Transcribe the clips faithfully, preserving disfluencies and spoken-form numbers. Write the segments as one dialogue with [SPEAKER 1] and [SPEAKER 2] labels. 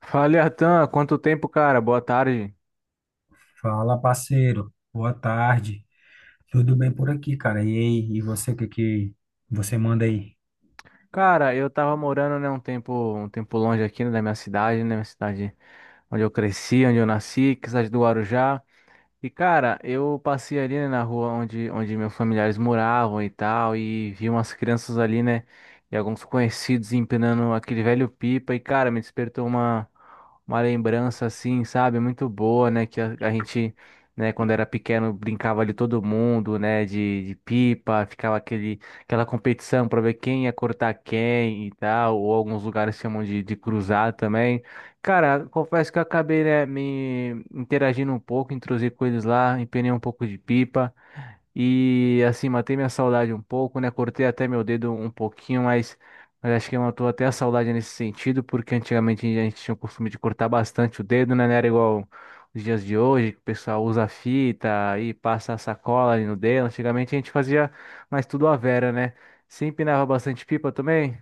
[SPEAKER 1] Fala, Atan, quanto tempo, cara? Boa tarde.
[SPEAKER 2] Fala, parceiro. Boa tarde. Tudo bem por aqui, cara? E aí, e você, o que que você manda aí?
[SPEAKER 1] Cara, eu tava morando, né, um tempo, um tempo longe aqui, né, da minha cidade, né, minha cidade onde eu cresci, onde eu nasci, que é a cidade do Guarujá. E cara, eu passei ali, né, na rua onde, onde meus familiares moravam e tal, e vi umas crianças ali, né, e alguns conhecidos empinando aquele velho pipa, e cara, me despertou uma, uma lembrança assim, sabe, muito boa, né, que a, a gente, né, quando era pequeno brincava ali todo mundo, né, de, de pipa, ficava aquele, aquela competição pra ver quem ia cortar quem e tal, ou alguns lugares chamam de, de cruzar também. Cara, confesso que eu acabei, né, me interagindo um pouco, intrusei com eles lá, empenei um pouco de pipa e assim matei minha saudade um pouco, né? Cortei até meu dedo um pouquinho, mas, mas acho que matou até a saudade nesse sentido, porque antigamente a gente tinha o costume de cortar bastante o dedo, né? Não era igual os dias de hoje, que o pessoal usa fita e passa a sacola ali no dedo. Antigamente a gente fazia mais tudo à vera, né? Você empinava bastante pipa também?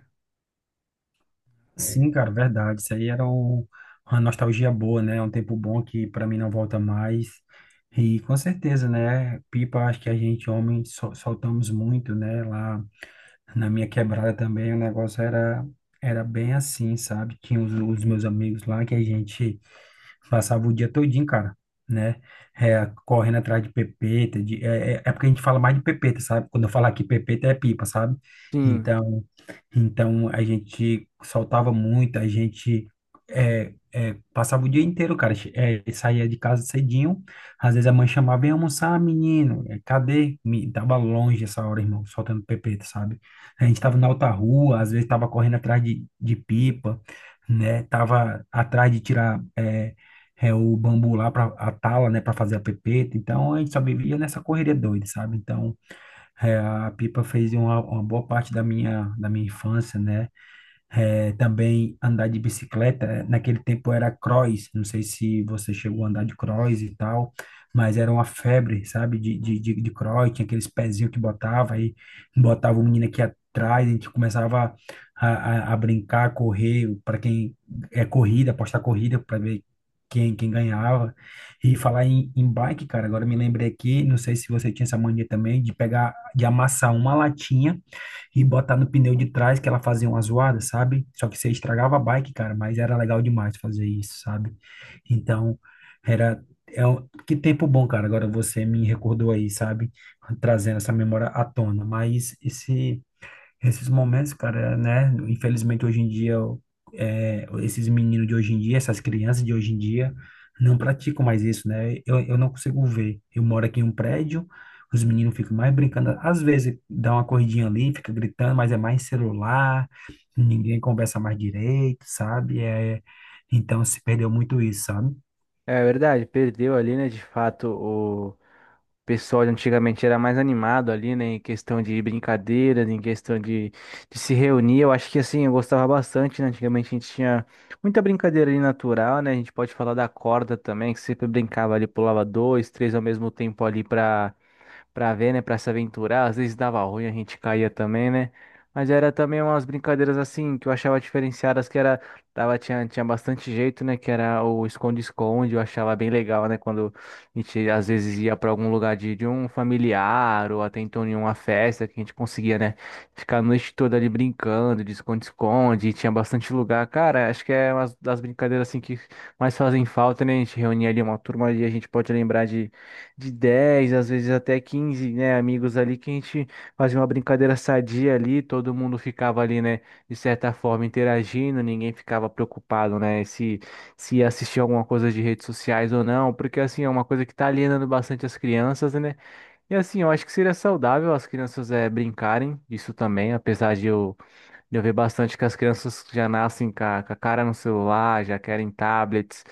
[SPEAKER 2] Sim, cara, verdade. Isso aí era um- uma nostalgia boa, né? É Um tempo bom que pra mim não volta mais. E com certeza, né? Pipa, acho que a gente, homem, sol- soltamos muito, né? Lá na minha quebrada também, o negócio era, era bem assim, sabe? Tinha os, os meus amigos lá que a gente. Passava o dia todinho, cara, né? É, correndo atrás de pepeta, de, é, é é porque a gente fala mais de pepeta, sabe? Quando eu falar aqui pepeta é pipa, sabe?
[SPEAKER 1] Sim,
[SPEAKER 2] Então, então a gente soltava muito, a gente é, é, passava o dia inteiro, cara. Che- É, saía de casa cedinho, às vezes a mãe chamava: vem almoçar, menino. É, cadê? Me, tava longe essa hora, irmão, soltando pepeta, sabe? A gente tava na outra rua, às vezes tava correndo atrás de, de pipa, né? Tava atrás de tirar é, é o bambu lá para a tala, né, para fazer a pepeta. Então a gente só vivia nessa correria doida, sabe? Então é, a pipa fez uma, uma boa parte da minha da minha infância, né? É, também andar de bicicleta, é, naquele tempo era cross. Não sei se você chegou a andar de cross e tal, mas era uma febre, sabe, de, de, de, de cross. Tinha aqueles pezinhos que botava, aí botava o menino aqui atrás, a gente começava a, a, a brincar, a correr, para quem é corrida, apostar corrida para ver quem, quem ganhava. E falar em, em bike, cara, agora me lembrei aqui, não sei se você tinha essa mania também, de pegar, de amassar uma latinha e botar no pneu de trás, que ela fazia uma zoada, sabe? Só que você estragava a bike, cara, mas era legal demais fazer isso, sabe? Então, era. É um, que tempo bom, cara. Agora você me recordou aí, sabe? Trazendo essa memória à tona. Mas esse esses momentos, cara, né? Infelizmente, hoje em dia, o- é, esses meninos de hoje em dia, essas crianças de hoje em dia, não praticam mais isso, né? Eu, eu não consigo ver. Eu moro aqui em um prédio, os meninos ficam mais brincando. Às vezes, dá uma corridinha ali, fica gritando, mas é mais celular, ninguém conversa mais direito, sabe? É, então, se perdeu muito isso, sabe?
[SPEAKER 1] é verdade, perdeu ali, né, de fato. O pessoal de antigamente era mais animado ali, né? Em questão de brincadeiras, em questão de, de se reunir. Eu acho que assim, eu gostava bastante, né? Antigamente a gente tinha muita brincadeira ali natural, né? A gente pode falar da corda também, que sempre brincava ali, pulava dois, três ao mesmo tempo ali pra para ver, né, para se aventurar. Às vezes dava ruim, a gente caía também, né? Mas era também umas brincadeiras assim que eu achava diferenciadas, que era tava tinha, tinha bastante jeito, né, que era o esconde-esconde, eu achava bem legal, né, quando a gente às vezes ia para algum lugar de, de um familiar ou até então em uma festa que a gente conseguia, né, ficar a noite toda ali brincando de esconde-esconde, e tinha bastante lugar. Cara, acho que é uma das brincadeiras assim que mais fazem falta, né? A gente reunia ali uma turma e a gente pode lembrar de de dez às vezes até quinze, né, amigos ali que a gente fazia uma brincadeira sadia ali, todo mundo ficava ali, né, de certa forma interagindo, ninguém ficava preocupado, né, se se ia assistir alguma coisa de redes sociais ou não, porque assim é uma coisa que tá alienando bastante as crianças, né? E assim, eu acho que seria saudável as crianças é, brincarem disso também, apesar de eu eu vejo bastante que as crianças já nascem com a, com a cara no celular, já querem tablets,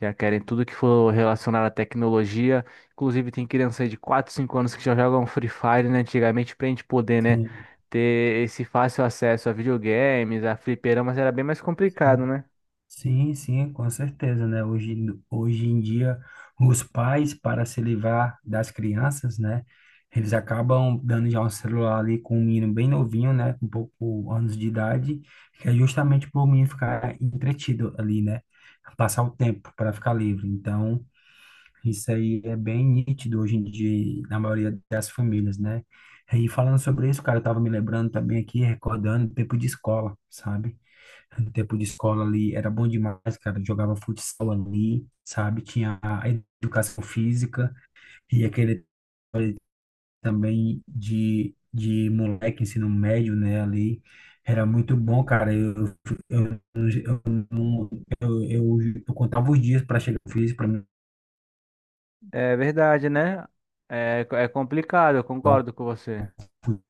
[SPEAKER 1] já querem tudo que for relacionado à tecnologia. Inclusive, tem criança aí de quatro, cinco anos que já jogam Free Fire, né? Antigamente, pra gente poder, né, ter esse fácil acesso a videogames, a fliperamas, era bem mais complicado,
[SPEAKER 2] Sim.
[SPEAKER 1] né?
[SPEAKER 2] Sim, sim, com certeza, né? Hoje, hoje em dia, os pais, para se livrar das crianças, né? Eles acabam dando já um celular ali com um menino bem novinho, né? Com pouco anos de idade, que é justamente para o menino ficar entretido ali, né? Passar o tempo para ficar livre. Então, isso aí é bem nítido hoje em dia na maioria das famílias, né? E falando sobre isso, cara, eu tava me lembrando também aqui, recordando o tempo de escola, sabe? No tempo de escola ali era bom demais, cara. Jogava futsal ali, sabe? Tinha a educação física e aquele também de, de moleque, ensino médio, né? Ali era muito bom, cara. Eu, eu, eu, não- eu, eu, eu contava os dias para chegar no físico, para
[SPEAKER 1] É verdade, né? É, é complicado, eu
[SPEAKER 2] jogar
[SPEAKER 1] concordo com você.
[SPEAKER 2] um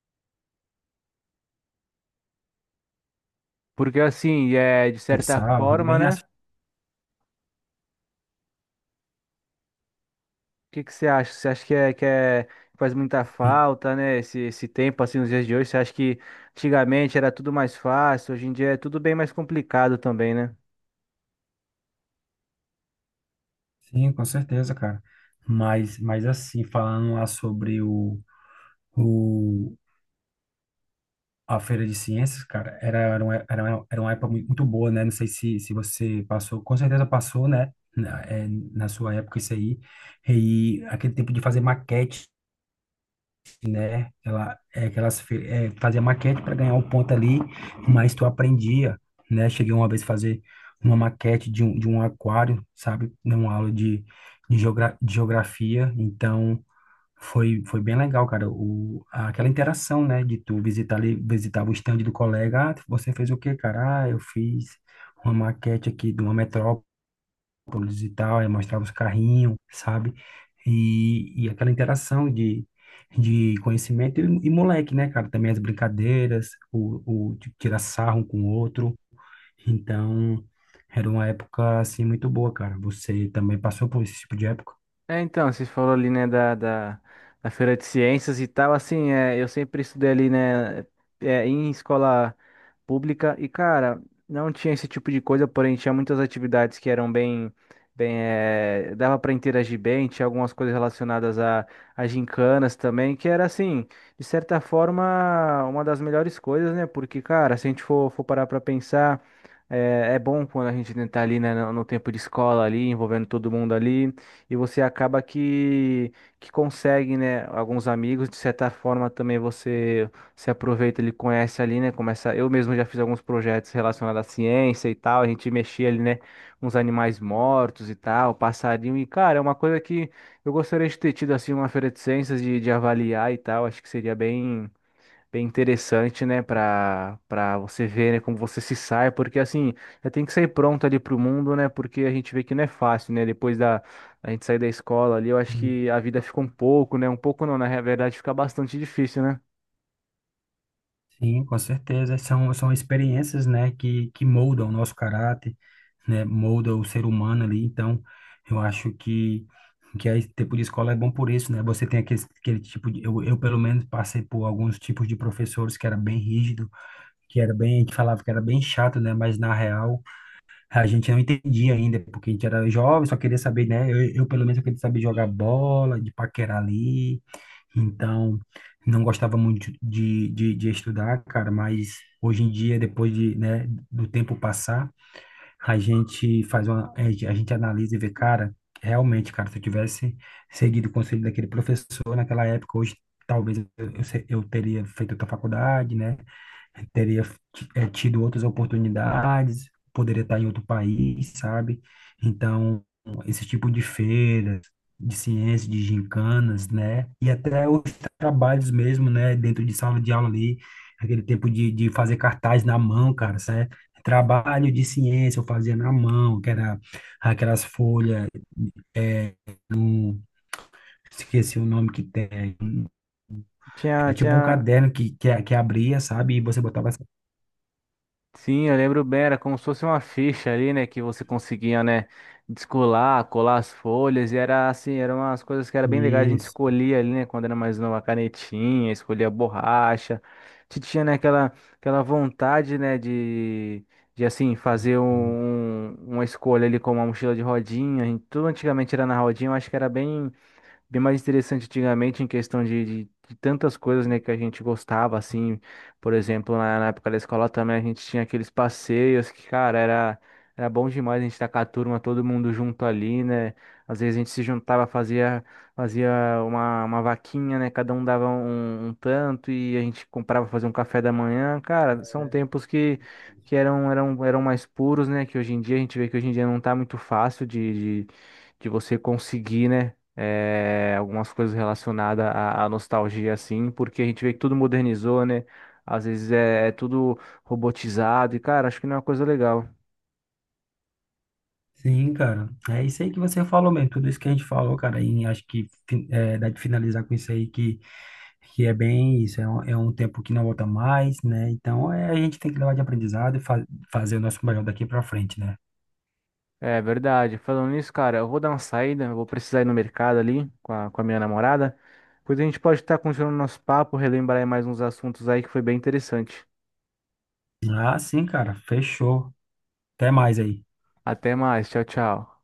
[SPEAKER 1] Porque assim, é, de certa
[SPEAKER 2] futsal,
[SPEAKER 1] forma,
[SPEAKER 2] bem assim.
[SPEAKER 1] né? O que que você acha? Você acha que é, que é- que faz muita
[SPEAKER 2] Sim,
[SPEAKER 1] falta, né? Esse, esse tempo, assim, nos dias de hoje. Você acha que antigamente era tudo mais fácil, hoje em dia é tudo bem mais complicado também, né?
[SPEAKER 2] sim, com certeza, cara. Mas, mas assim, falando lá sobre o, o, a feira de ciências, cara, era, era, uma, era, uma, era uma época mui- muito boa, né? Não sei se, se você passou, com certeza passou, né? Na, é, na sua época, isso aí. E aquele tempo de fazer maquete, né? Ela, é, aquelas, fe- é, Fazia maquete para ganhar um ponto ali, mas tu aprendia, né? Cheguei uma vez a fazer uma maquete de um, de um aquário, sabe? Numa aula de, de, geogra de geografia. Então, foi, foi bem legal, cara, o, aquela interação, né, de tu visitar ali, visitava o stand do colega: ah, você fez o quê, cara? Ah, eu fiz uma maquete aqui de uma metrópolis e tal, aí mostrava os carrinhos, sabe? E, e aquela interação de, de conhecimento e, e moleque, né, cara? Também as brincadeiras, o, o de tirar sarro um com o outro. Então, era uma época, assim, muito boa, cara. Você também passou por esse tipo de época?
[SPEAKER 1] É, então, você falou ali, né, da, da, da Feira de Ciências e tal, assim, é, eu sempre estudei ali, né, é, em escola pública e, cara, não tinha esse tipo de coisa, porém tinha muitas atividades que eram bem, bem, é, dava para interagir bem, tinha algumas coisas relacionadas a, a gincanas também, que era, assim, de certa forma, uma das melhores coisas, né, porque, cara, se a gente for, for parar pra pensar, é, é bom quando a gente tá ali, né, no, no tempo de escola ali, envolvendo todo mundo ali, e você acaba que, que consegue, né, alguns amigos, de certa forma também você se aproveita, ele conhece ali, né, começa, eu mesmo já fiz alguns projetos relacionados à ciência e tal, a gente mexia ali, né, uns animais mortos e tal, passarinho, e cara, é uma coisa que eu gostaria de ter tido, assim, uma feira de ciências, de, de avaliar e tal, acho que seria bem bem interessante, né, para para você ver, né, como você se sai, porque assim, já tem que sair pronto ali pro mundo, né? Porque a gente vê que não é fácil, né? Depois da a gente sair da escola ali, eu acho que a vida fica um pouco, né? Um pouco não, na verdade fica bastante difícil, né?
[SPEAKER 2] Sim, com certeza. São, são experiências, né, que, que moldam o nosso caráter, né, molda o ser humano ali. Então, eu acho que, que a tipo de escola é bom por isso, né? Você tem aquele, aquele tipo de... Eu, eu, pelo menos, passei por alguns tipos de professores que era bem rígido, que era bem... que falava que era bem chato, né? Mas, na real, a gente não entendia ainda, porque a gente era jovem, só queria saber, né? Eu, eu pelo menos, eu queria saber jogar bola, de paquerar ali. Então, não gostava muito de, de, de estudar, cara, mas hoje em dia, depois de, né, do tempo passar, a gente faz uma, a gente a gente analisa e vê, cara, realmente, cara, se eu tivesse seguido o conselho daquele professor naquela época, hoje talvez eu, eu, se- eu teria feito outra faculdade, né? Teria ti- eh, tido outras oportunidades, poderia estar em outro país, sabe? Então, esse tipo de feiras, de ciência, de gincanas, né? E até os trabalhos mesmo, né? Dentro de sala de aula ali, aquele tempo de, de fazer cartaz na mão, cara, sabe? Trabalho de ciência eu fazia na mão, que era aquelas folhas, eh, esqueci o nome que tem.
[SPEAKER 1] Tinha
[SPEAKER 2] Era tipo um
[SPEAKER 1] tinha
[SPEAKER 2] caderno que, que, que abria, sabe? E você botava essa-
[SPEAKER 1] Sim, eu lembro bem, era como se fosse uma ficha ali, né, que você conseguia, né, descolar, colar as folhas, e era assim, eram umas coisas que era bem legais, a gente
[SPEAKER 2] isso.
[SPEAKER 1] escolhia ali, né, quando era mais nova, a canetinha, escolhia a borracha, a gente tinha, né, aquela, aquela vontade, né, de, de assim, fazer um, um, uma escolha ali como uma mochila de rodinha, a gente- tudo antigamente era na rodinha, eu acho que era bem bem mais interessante antigamente em questão de, de, de tantas coisas, né, que a gente gostava, assim, por exemplo, na, na época da escola também a gente tinha aqueles passeios que, cara, era, era bom demais a gente estar com a turma, todo mundo junto ali, né, às vezes a gente se juntava, fazia, fazia uma, uma vaquinha, né, cada um dava um, um tanto e a gente comprava pra fazer um café da manhã, cara, são tempos que que eram, eram, eram mais puros, né? Que hoje em dia a gente vê que hoje em dia não tá muito fácil de, de, de você conseguir, né? Eh, algumas coisas relacionadas à, à nostalgia, assim, porque a gente vê que tudo modernizou, né? Às vezes é, é tudo robotizado e, cara, acho que não é uma coisa legal.
[SPEAKER 2] Sim, cara. É isso aí que você falou mesmo. Tudo isso que a gente falou, cara, e acho que fi- é, dá de finalizar com isso aí que, que é bem isso. É um, é um tempo que não volta mais, né? Então é, a gente tem que levar de aprendizado e fa fazer o nosso melhor daqui pra frente, né?
[SPEAKER 1] É verdade. Falando nisso, cara, eu vou dar uma saída, eu vou precisar ir no mercado ali com a, com a minha namorada. Depois a gente pode estar continuando nosso papo, relembrar aí mais uns assuntos aí que foi bem interessante.
[SPEAKER 2] Ah, sim, cara. Fechou. Até mais aí.
[SPEAKER 1] Até mais, tchau, tchau.